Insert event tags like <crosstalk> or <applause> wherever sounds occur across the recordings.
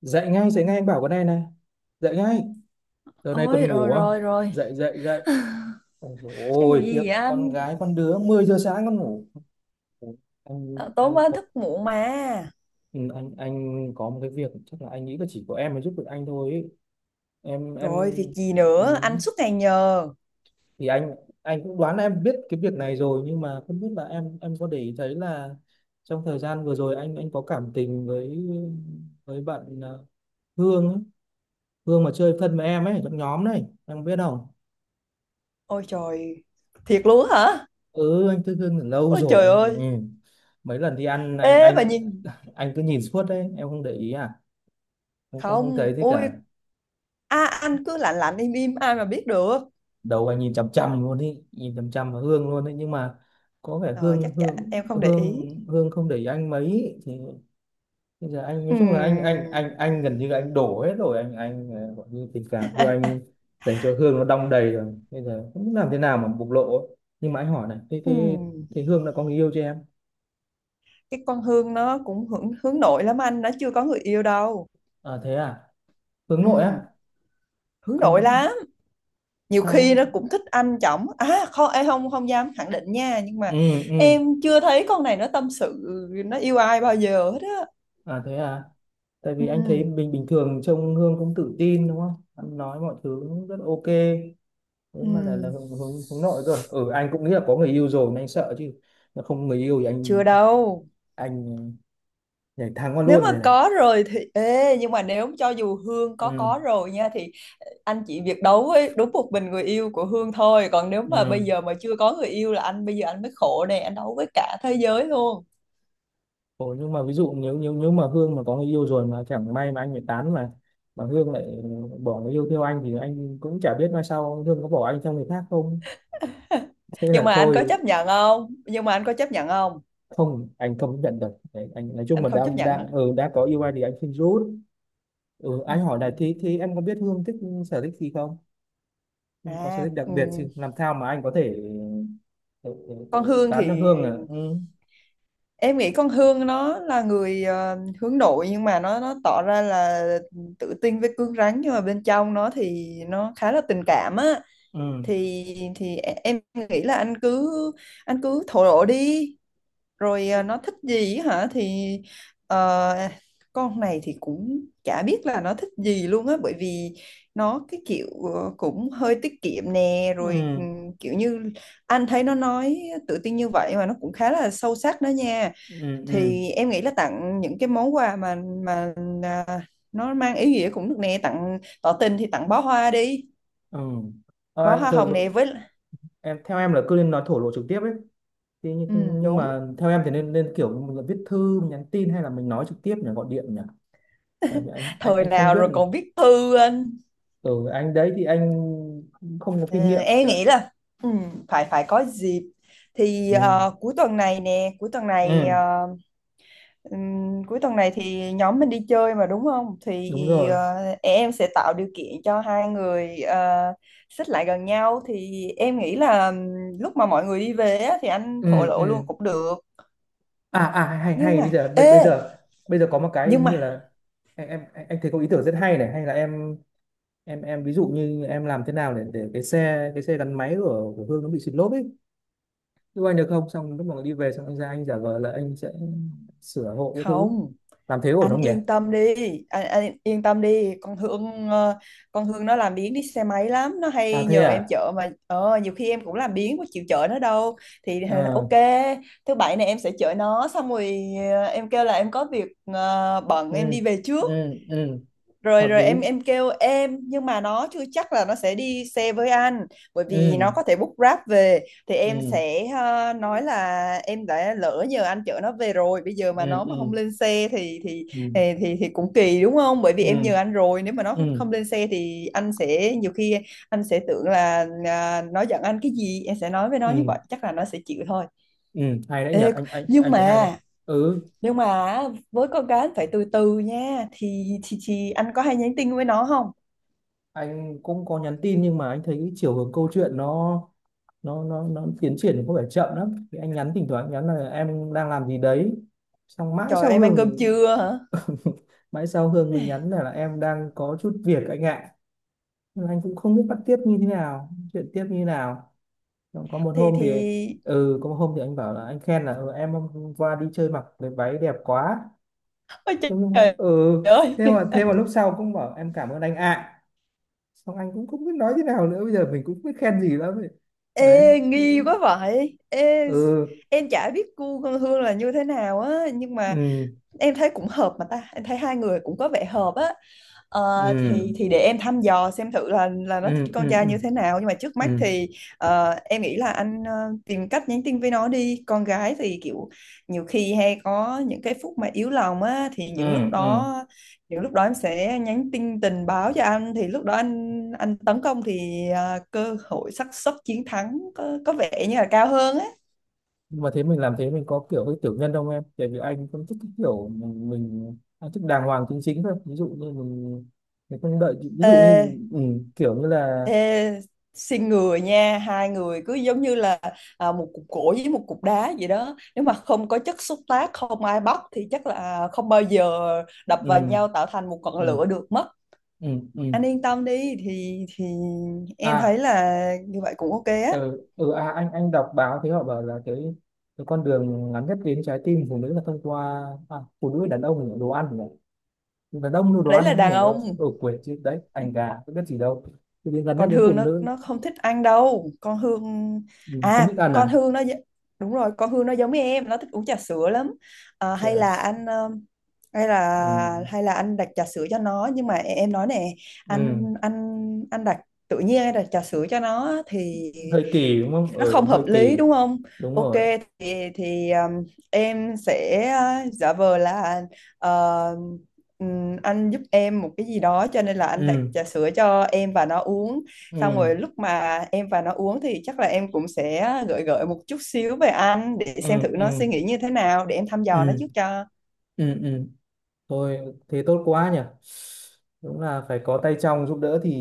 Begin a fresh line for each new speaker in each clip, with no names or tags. Dậy ngay, dậy ngay, anh bảo con này này, dậy ngay. Giờ này
Ôi,
còn
rồi
ngủ à?
rồi rồi.
Dậy dậy dậy.
<laughs>
Ôi dồi
Cái vụ
ôi, khiếp,
gì vậy
con
anh?
gái con đứa 10 giờ sáng con ngủ. Ủa, anh
Tối
anh
mới
có-
thức muộn mà.
ừ, anh có một cái việc chắc là anh nghĩ là chỉ có em mới giúp được anh thôi ấy. Em.
Rồi việc gì
ừ,
nữa? Anh suốt ngày nhờ.
thì anh cũng đoán là em biết cái việc này rồi, nhưng mà không biết là em có để ý thấy là trong thời gian vừa rồi anh có cảm tình với bạn Hương ấy. Hương mà chơi thân với em ấy, trong nhóm này em biết không?
Ôi trời, thiệt luôn á hả?
Ừ, anh thức Hương từ lâu
Ôi
rồi
trời
anh,
ơi!
ừ. Mấy lần đi ăn anh
Ê mà
anh
nhìn...
anh cứ nhìn suốt đấy, em không để ý à? Không không không
Không.
thấy thế
Ôi,
cả.
anh cứ lạnh lạnh im im, ai mà biết được.
Đầu anh nhìn chằm chằm luôn đi, nhìn chằm chằm vào Hương luôn đấy, nhưng mà có vẻ
Ờ
Hương
chắc chả,
Hương
em không để ý.
Hương Hương không để ý anh mấy. Thì bây giờ anh nói chung là anh anh
Ừm,
anh anh gần như là anh đổ hết rồi, anh gọi như tình cảm cho anh dành cho Hương nó đong đầy rồi, bây giờ không biết làm thế nào mà bộc lộ ấy. Nhưng mà anh hỏi này, thế thế
ừm.
thế Hương đã có người yêu chưa em?
Cái con Hương nó cũng hướng nội lắm anh, nó chưa có người yêu đâu.
À thế à. Hướng nội
Ừm,
á?
Hướng nội
Anh.
lắm. Nhiều khi
Sao?
nó cũng thích anh chồng, à không, em không không dám khẳng định nha, nhưng mà
Ừ. Ừ.
em chưa thấy con này nó tâm sự nó yêu ai bao giờ hết á.
À thế à. Tại vì anh thấy
ừ,
bình bình thường trông Hương cũng tự tin đúng không, anh nói mọi thứ cũng rất ok. Thế
ừ,
mà lại là hướng hướng hướng nội cơ. Ừ, anh cũng nghĩ là có người yêu rồi nên anh sợ chứ, mà không người yêu thì anh
Chưa đâu.
anh nhảy thang qua
Nếu mà
luôn này này.
có rồi thì ê, nhưng mà nếu cho dù Hương có
Ừ.
rồi nha thì anh chỉ việc đấu với đúng một mình người yêu của Hương thôi, còn nếu mà
Ừ.
bây giờ mà chưa có người yêu là anh bây giờ anh mới khổ nè, anh đấu với cả thế giới luôn.
Ủa, nhưng mà ví dụ nếu nếu nếu mà Hương mà có người yêu rồi mà chẳng may mà anh bị tán mà Hương lại bỏ người yêu theo anh, thì anh cũng chả biết mai sau Hương có bỏ anh theo người khác không. Thế
Nhưng
là
mà anh có
thôi.
chấp nhận không? Nhưng mà anh có chấp nhận không
Không, anh không nhận được. Đấy, anh nói chung
Anh
mà
không chấp
đang
nhận
đang
hả?
ừ, đã có yêu ai thì anh xin rút. Ừ,
ừ.
anh hỏi này, thì em có biết Hương thích sở thích gì không? Hương
à
có sở thích đặc
ừ.
biệt gì làm sao mà anh có thể ừ, ừ, ừ,
Con Hương thì
tán được Hương? À, ừ.
em nghĩ con Hương nó là người hướng nội, nhưng mà nó tỏ ra là tự tin với cứng rắn, nhưng mà bên trong nó thì nó khá là tình cảm á.
Ừ.
thì thì em nghĩ là anh cứ thổ lộ đi. Rồi nó thích gì hả? Thì ờ, con này thì cũng chả biết là nó thích gì luôn á, bởi vì nó cái kiểu cũng hơi tiết kiệm nè, rồi
Ừ.
kiểu như anh thấy nó nói tự tin như vậy mà nó cũng khá là sâu sắc đó nha.
Ừ. ừ,
Thì em nghĩ là tặng những cái món quà mà mà à, nó mang ý nghĩa cũng được nè. Tặng tỏ tình thì tặng bó hoa đi,
ừ, À,
bó hoa
rồi,
hồng nè,
rồi.
với
Em, theo em là cứ nên nói thổ lộ trực tiếp ấy, thì
ừ,
nhưng
đúng.
mà theo em thì nên nên kiểu mình là viết thư, mình nhắn tin, hay là mình nói trực tiếp nhỉ, gọi điện nhỉ. Tại vì anh
Thời
anh không
nào
biết.
rồi còn viết thư anh.
Ừ anh đấy, thì anh không có kinh
Ờ,
nghiệm
em
dạ.
nghĩ là ừ, phải phải có dịp thì
Ừ.
cuối tuần này,
Ừ.
cuối tuần này thì nhóm mình đi chơi mà đúng không? Thì
Đúng rồi.
ờ, em sẽ tạo điều kiện cho hai người xích lại gần nhau. Thì em nghĩ là lúc mà mọi người đi về á, thì anh thổ
Ừ.
lộ
Ừ.
luôn cũng được.
À hay
Nhưng
hay bây
mà
giờ bây bây
ê,
giờ, bây giờ có một cái
nhưng
như
mà...
là em, anh thấy có ý tưởng rất hay này. Hay là em, em ví dụ như em làm thế nào để cái xe gắn máy của Hương nó bị xịt lốp ấy, giúp anh được không? Xong lúc mà đi về xong anh ra anh giả vờ là anh sẽ sửa hộ cái thứ.
Không,
Làm thế ổn
anh
không nhỉ?
yên tâm đi. Anh yên tâm đi, con Hương nó làm biếng đi xe máy lắm, nó
À
hay
thế
nhờ em
à.
chở mà. Ờ, nhiều khi em cũng làm biếng, có chịu chở nó đâu. Thì
Ờ.
ok, thứ bảy này em sẽ chở nó, xong rồi em kêu là em có việc, bận,
Ừ.
em đi về trước.
Ừ. Ừ.
Rồi
Hợp
rồi, em
lý.
em kêu em, nhưng mà nó chưa chắc là nó sẽ đi xe với anh, bởi vì nó
Ừ.
có thể book Grab về. Thì em
Ừ.
sẽ nói là em đã lỡ nhờ anh chở nó về rồi, bây giờ
Ừ.
mà nó mà
Ừ.
không lên xe thì
Ừ.
thì cũng kỳ đúng không? Bởi vì em
Ừ.
nhờ anh rồi, nếu mà nó
Ừ.
không lên xe thì anh sẽ nhiều khi anh sẽ tưởng là nó giận anh cái gì. Em sẽ nói với nó như
Ừ.
vậy, chắc là nó sẽ chịu thôi.
Ừ, hay đấy nhỉ,
Ê,
anh
nhưng
anh thấy hay đấy.
mà
Ừ,
nhưng mà với con gái phải từ từ nha. Thì anh có hay nhắn tin với nó không?
anh cũng có nhắn tin nhưng mà anh thấy cái chiều hướng câu chuyện nó nó tiến triển thì có vẻ chậm lắm, thì anh nhắn, thỉnh thoảng anh nhắn là em đang làm gì đấy, xong mãi
Trời,
sau
em ăn cơm
Hương
trưa hả?
<laughs> mãi sau Hương mình nhắn là em đang có chút việc anh ạ. Nhưng mà anh cũng không biết bắt tiếp như thế nào, chuyện tiếp như thế nào. Xong có một hôm
Thì
thì ừ có một hôm thì anh bảo là, anh khen là, ừ, em hôm qua đi chơi mặc cái váy đẹp quá.
Ôi
Thế nhưng-
trời
ừ,
ơi.
thế mà, thế mà lúc
<laughs>
sau cũng bảo em cảm ơn anh ạ. Xong anh cũng không biết nói thế nào nữa, bây giờ mình cũng không biết khen gì lắm ấy. Đấy.
Ê, nghi quá vậy. Ê,
Ừ.
em chả biết cu con Hương là như thế nào á, nhưng
Ừ.
mà em thấy cũng hợp mà ta. Em thấy hai người cũng có vẻ hợp á. Ờ,
Ừ.
thì để em thăm dò xem thử là nó thích
Ừ.
con
Ừ.
trai
Ừ.
như thế nào. Nhưng mà trước
Ừ.
mắt thì em nghĩ là anh tìm cách nhắn tin với nó đi. Con gái thì kiểu nhiều khi hay có những cái phút mà yếu lòng á, thì những lúc
Ừ. Ừ.
đó kiểu lúc đó em sẽ nhắn tin tình báo cho anh. Thì lúc đó anh tấn công thì cơ hội xác suất chiến thắng có vẻ như là cao hơn á.
Nhưng mà thế mình làm thế mình có kiểu hơi tiểu nhân không em, tại vì anh không thích cái kiểu mình anh thích đàng hoàng chính chính thôi, ví dụ như mình không đợi, ví dụ như
Ê,
ừ, kiểu như là
ê, Xin người nha, hai người cứ giống như là một cục gỗ với một cục đá vậy đó. Nếu mà không có chất xúc tác, không ai bóc thì chắc là không bao giờ đập vào
ừ,
nhau tạo thành một ngọn
ừ,
lửa được mất.
ừ, ừ,
Anh yên tâm đi, thì em
à,
thấy là như vậy cũng ok á.
ừ, ừ à, anh đọc báo thì họ bảo là cái con đường ngắn nhất đến trái tim phụ nữ là thông qua à, phụ nữ, đàn ông là đồ ăn nhỉ, đàn ông là đồ
Đấy là
ăn
đàn
nhỉ. Ở,
ông,
ở quê chứ đấy, anh gà có biết gì đâu, thì đến gần nhất
còn
đến phụ
Hương nó
nữ.
nó không thích ăn đâu con Hương.
Ừ, không thích
à
ăn
con
à?
Hương nó gi- Đúng rồi, con Hương nó giống như em, nó thích uống trà sữa lắm. Ờ, hay là
Yes.
anh ờ, hay
Ừ.
là hay là anh đặt trà sữa cho nó. Nhưng mà em nói nè,
Ừ.
anh anh anh đặt, tự nhiên anh đặt trà sữa cho nó thì
Hơi kỳ đúng không,
nó không
ừ, hơi
hợp lý
kỳ.
đúng không?
Đúng
Ok,
rồi.
thì em sẽ giả vờ là ờ, anh giúp em một cái gì đó, cho nên là anh đặt
Ừ.
trà sữa cho em và nó uống. Xong
Ừ.
rồi lúc mà em và nó uống thì chắc là em cũng sẽ gợi gợi một chút xíu về anh để xem thử
Ừ.
nó
Ừ.
suy nghĩ như thế nào, để em thăm dò nó
Ừ.
trước cho.
Ừ. Ừ. Thôi thế tốt quá nhỉ. Đúng là phải có tay trong giúp đỡ thì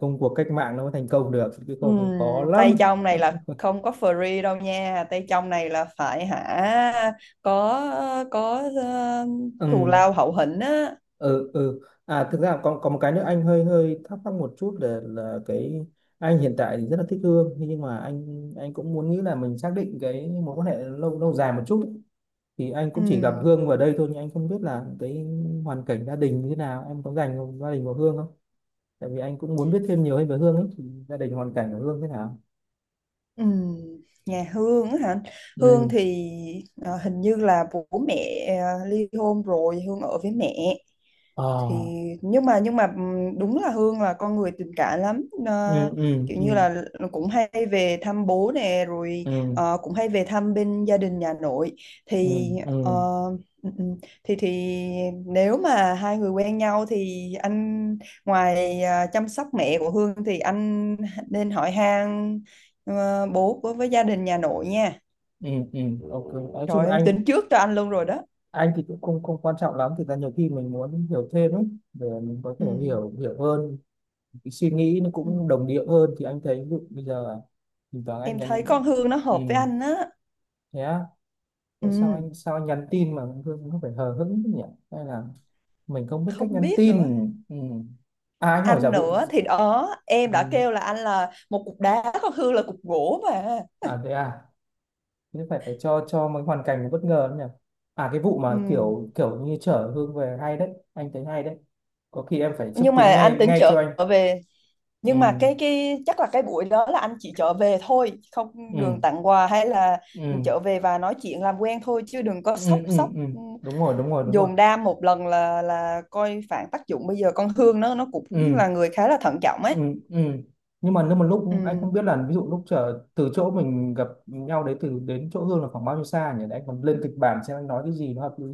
công cuộc cách mạng nó mới thành công được, chứ không thì
Ừm,
khó
tay
lắm.
trong này
<laughs>
là không có free đâu nha, tay trong này là phải hả, có có thù
Ừ,
lao hậu hĩnh á.
ừ, ừ. À thực ra còn có một cái nữa anh hơi hơi thắc mắc một chút là cái, anh hiện tại thì rất là thích Hương, thế nhưng mà anh cũng muốn nghĩ là mình xác định cái mối quan hệ lâu lâu dài một chút ấy. Thì anh cũng chỉ gặp
Ừm.
Hương vào đây thôi, nhưng anh không biết là cái hoàn cảnh gia đình như thế nào, em có dành gia đình của Hương không? Tại vì anh cũng muốn biết thêm nhiều hơn về Hương ấy, thì gia đình hoàn cảnh của Hương thế nào?
Ừ, nhà Hương á hả? Hương
Ừ.
thì hình như là bố mẹ ly hôn rồi, Hương ở với mẹ.
Ờ.
Thì nhưng mà đúng là Hương là con người tình cảm lắm.
Ừ.
Ờ,
Ừ.
kiểu như
Ừ.
là cũng hay về thăm bố nè, rồi
Ừ.
cũng hay về thăm bên gia đình nhà nội.
Ừ.
Thì ờ,
Ừ.
ừ, ừ, thì nếu mà hai người quen nhau thì anh ngoài chăm sóc mẹ của Hương thì anh nên hỏi han Ờ, bố với gia đình nhà nội nha.
Ừ. Ừ. Ok, nói
Trời
chung
ơi, em
anh
tính trước cho anh luôn rồi đó.
anh thì cũng không không quan trọng lắm, thực ra nhiều khi mình muốn hiểu thêm ấy, để mình có thể
ừ.
hiểu hiểu hơn cái suy nghĩ nó
Ừ.
cũng đồng điệu hơn, thì anh thấy ví dụ bây giờ thỉnh thoảng anh
em thấy
nhắn.
con Hương nó
Ừ.
hợp với anh á.
Thế á? Rồi sao
Ừ,
anh, sao nhắn tin mà Hương không phải hờ hững thế nhỉ, hay là mình không biết cách
không
nhắn
biết
tin.
nữa.
Ừ. À anh hỏi giả
Anh
vụ.
nữa thì đó Em đã
Ừ.
kêu là anh là một cục đá, con Hương là cục gỗ mà.
À thế à. Nhưng phải phải cho mấy hoàn cảnh nó bất ngờ lắm nhỉ. À, cái vụ mà
Ừ.
kiểu kiểu như chở Hương về hay đấy, anh thấy hay đấy. Có khi em phải xúc
Nhưng mà
tiến
anh
ngay
tính
ngay
trở
cho anh.
về.
Ừ.
Nhưng mà cái chắc là cái buổi đó là anh chỉ trở về thôi, không
Ừ.
đường tặng quà hay là
Ừ.
trở về và nói chuyện làm quen thôi, chứ đừng có
Ừ.
sốc
Ừ.
sốc.
Ừ.
Ừ.
Đúng rồi, đúng rồi, đúng rồi.
Dồn đam một lần là coi phản tác dụng, bây giờ con Hương nó cũng
Ừ.
là người khá là thận trọng
Ừ.
ấy.
Ừ. Nhưng mà nếu mà lúc anh
Ừ.
không biết là, ví dụ lúc chở từ chỗ mình gặp nhau đấy, từ đến chỗ Hương là khoảng bao nhiêu xa nhỉ, để anh còn lên kịch bản xem anh nói cái gì nó hợp lý.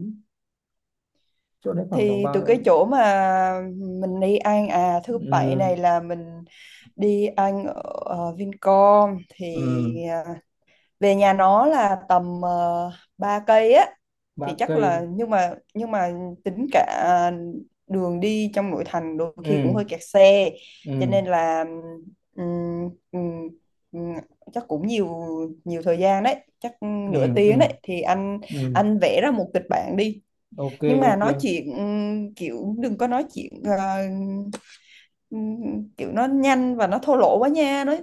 Chỗ đấy khoảng tầm
Thì từ
bao.
cái chỗ mà mình đi ăn, thứ bảy
Ừ.
này là mình đi ăn ở Vincom thì
Ừ.
à, về nhà nó là tầm 3 cây á.
ba
Thì chắc là
cây
nhưng mà tính cả đường đi trong nội thành đôi khi cũng
Ừ.
hơi kẹt xe, cho
Ừ.
nên là ừm, ừm, ừm, chắc cũng nhiều nhiều thời gian đấy, chắc
Ừ.
nửa tiếng
Ừ.
đấy. Thì
Ừ.
anh vẽ ra một kịch bản đi.
Ok.
Nhưng mà
Ok.
nói chuyện kiểu đừng có nói chuyện kiểu nó nhanh và nó thô lỗ quá nha.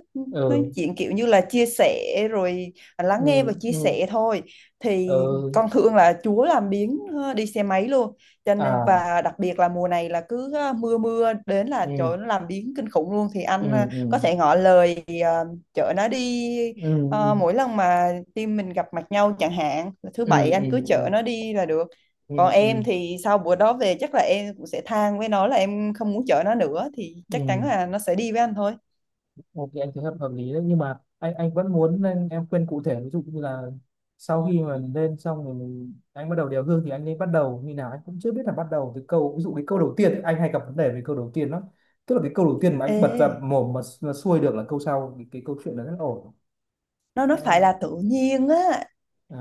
Nói
Ừ.
chuyện kiểu như là chia sẻ rồi
Ừ.
lắng nghe và chia
Ừ.
sẻ thôi. Thì
Ừ.
con thường là Chúa làm biếng, ờ, đi xe máy luôn, cho nên
À.
và đặc biệt là mùa này là cứ ờ, mưa mưa đến là trời
Ừ.
ơi, nó làm biếng kinh khủng luôn. Thì anh
Ừ. Ừ.
có thể ngỏ lời chở nó đi. Ờ,
Ừ.
mỗi lần mà team mình gặp mặt nhau, chẳng hạn là thứ
Ừ.
bảy, anh
Ừ.
cứ
Ừ.
chở nó đi là được.
Ừ.
Còn
Ừ. Ừ.
em thì sau bữa đó về chắc là em cũng sẽ than với nó là em không muốn chở nó nữa, thì chắc chắn
Ừ.
là nó sẽ đi với anh thôi.
Ok anh thấy hợp hợp lý đấy, nhưng mà anh vẫn muốn nên em khuyên cụ thể, ví dụ như là sau khi mà mình lên xong rồi, mình, anh bắt đầu đeo gương thì anh nên bắt đầu như nào, anh cũng chưa biết là bắt đầu từ câu, ví dụ cái câu đầu tiên ấy, anh hay gặp vấn đề về câu đầu tiên lắm. Tức là cái câu đầu tiên mà anh bật ra
Ê,
mồm mà xuôi được là câu sau thì cái câu chuyện đó rất là ổn.
nó
Thế
phải
em.
là tự nhiên á.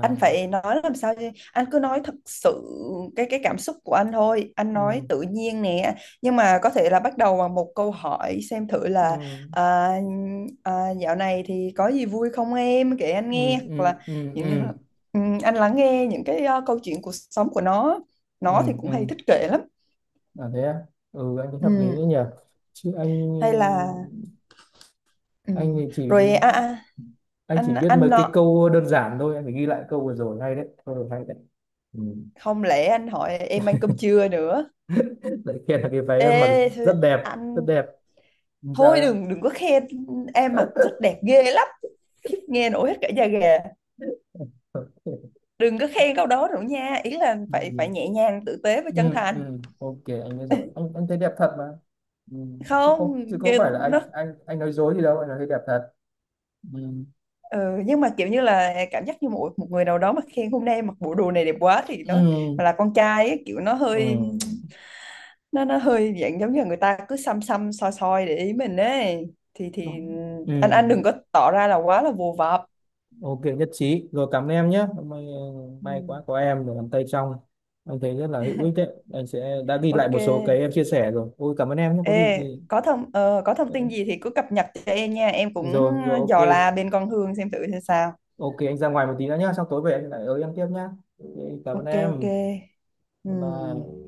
Anh phải nói làm sao chứ? Anh cứ nói thật sự cái cảm xúc của anh thôi. Anh nói
Ừ.
tự nhiên nè. Nhưng mà có thể là bắt đầu bằng một câu hỏi xem thử là
Ừ.
à, dạo này thì có gì vui không, em kể anh
Ừ.
nghe, hoặc
Ừ.
là
Ừ.
kiểu như
Ừ.
là anh lắng nghe những cái câu chuyện cuộc sống của nó. Nó
Ừ.
thì cũng
Ừ.
hay thích kể lắm.
Là thế à? Ừ anh thấy hợp lý
Ừ.
đấy nhỉ. Chứ anh
Hay là... Ừ.
anh thì chỉ,
Rồi
anh chỉ biết
anh
mấy cái
nó
câu đơn giản thôi, anh phải ghi lại câu vừa rồi hay đấy, câu rồi hay đấy. Ừ.
không lẽ anh hỏi em ăn cơm trưa nữa.
Đấy kia là cái váy em mặc rất
Ê
đẹp,
anh,
rất đẹp, làm sao
thôi
em.
đừng đừng có khen em mặc rất đẹp ghê lắm, khiếp nghe nổi hết cả da gà.
<laughs>
Đừng có khen câu đó nữa nha, ý là phải phải
Ừ.
nhẹ nhàng, tử tế và
Ừ.
chân thành.
Ừ. Ok anh biết rồi, anh thấy đẹp thật mà. Ừ. Chứ có,
Không
chứ có phải là
nó
anh anh nói dối gì đâu, anh nói thấy đẹp thật. Ừ.
ừ, nhưng mà kiểu như là cảm giác như một một người nào đó mà khen hôm nay mặc bộ đồ này đẹp quá thì nó
Ừ.
mà là con trai ấy, kiểu nó hơi
Ừ.
nó hơi dạng giống như là người ta cứ xăm xăm soi soi để ý mình ấy. Thì
Ừ.
Anh đừng có tỏ ra là quá là vồ vập.
Ok nhất trí rồi, cảm ơn em nhé. May,
Ừ,
may quá có em để làm tay trong, anh thấy rất là hữu ích đấy, anh sẽ đã ghi lại
ok.
một số cái em chia sẻ rồi, ôi cảm ơn em nhé, có gì
Ê
thì
có có thông
ờ,
tin gì thì cứ cập nhật cho em nha, em cũng
rồi rồi ok.
dò la bên con Hương xem thử xem sao.
Ok anh ra ngoài một tí nữa nhá, sau tối về anh lại ở em tiếp nhá. Ok, cảm ơn
Ok ok,
em. Bye bye.
ừ.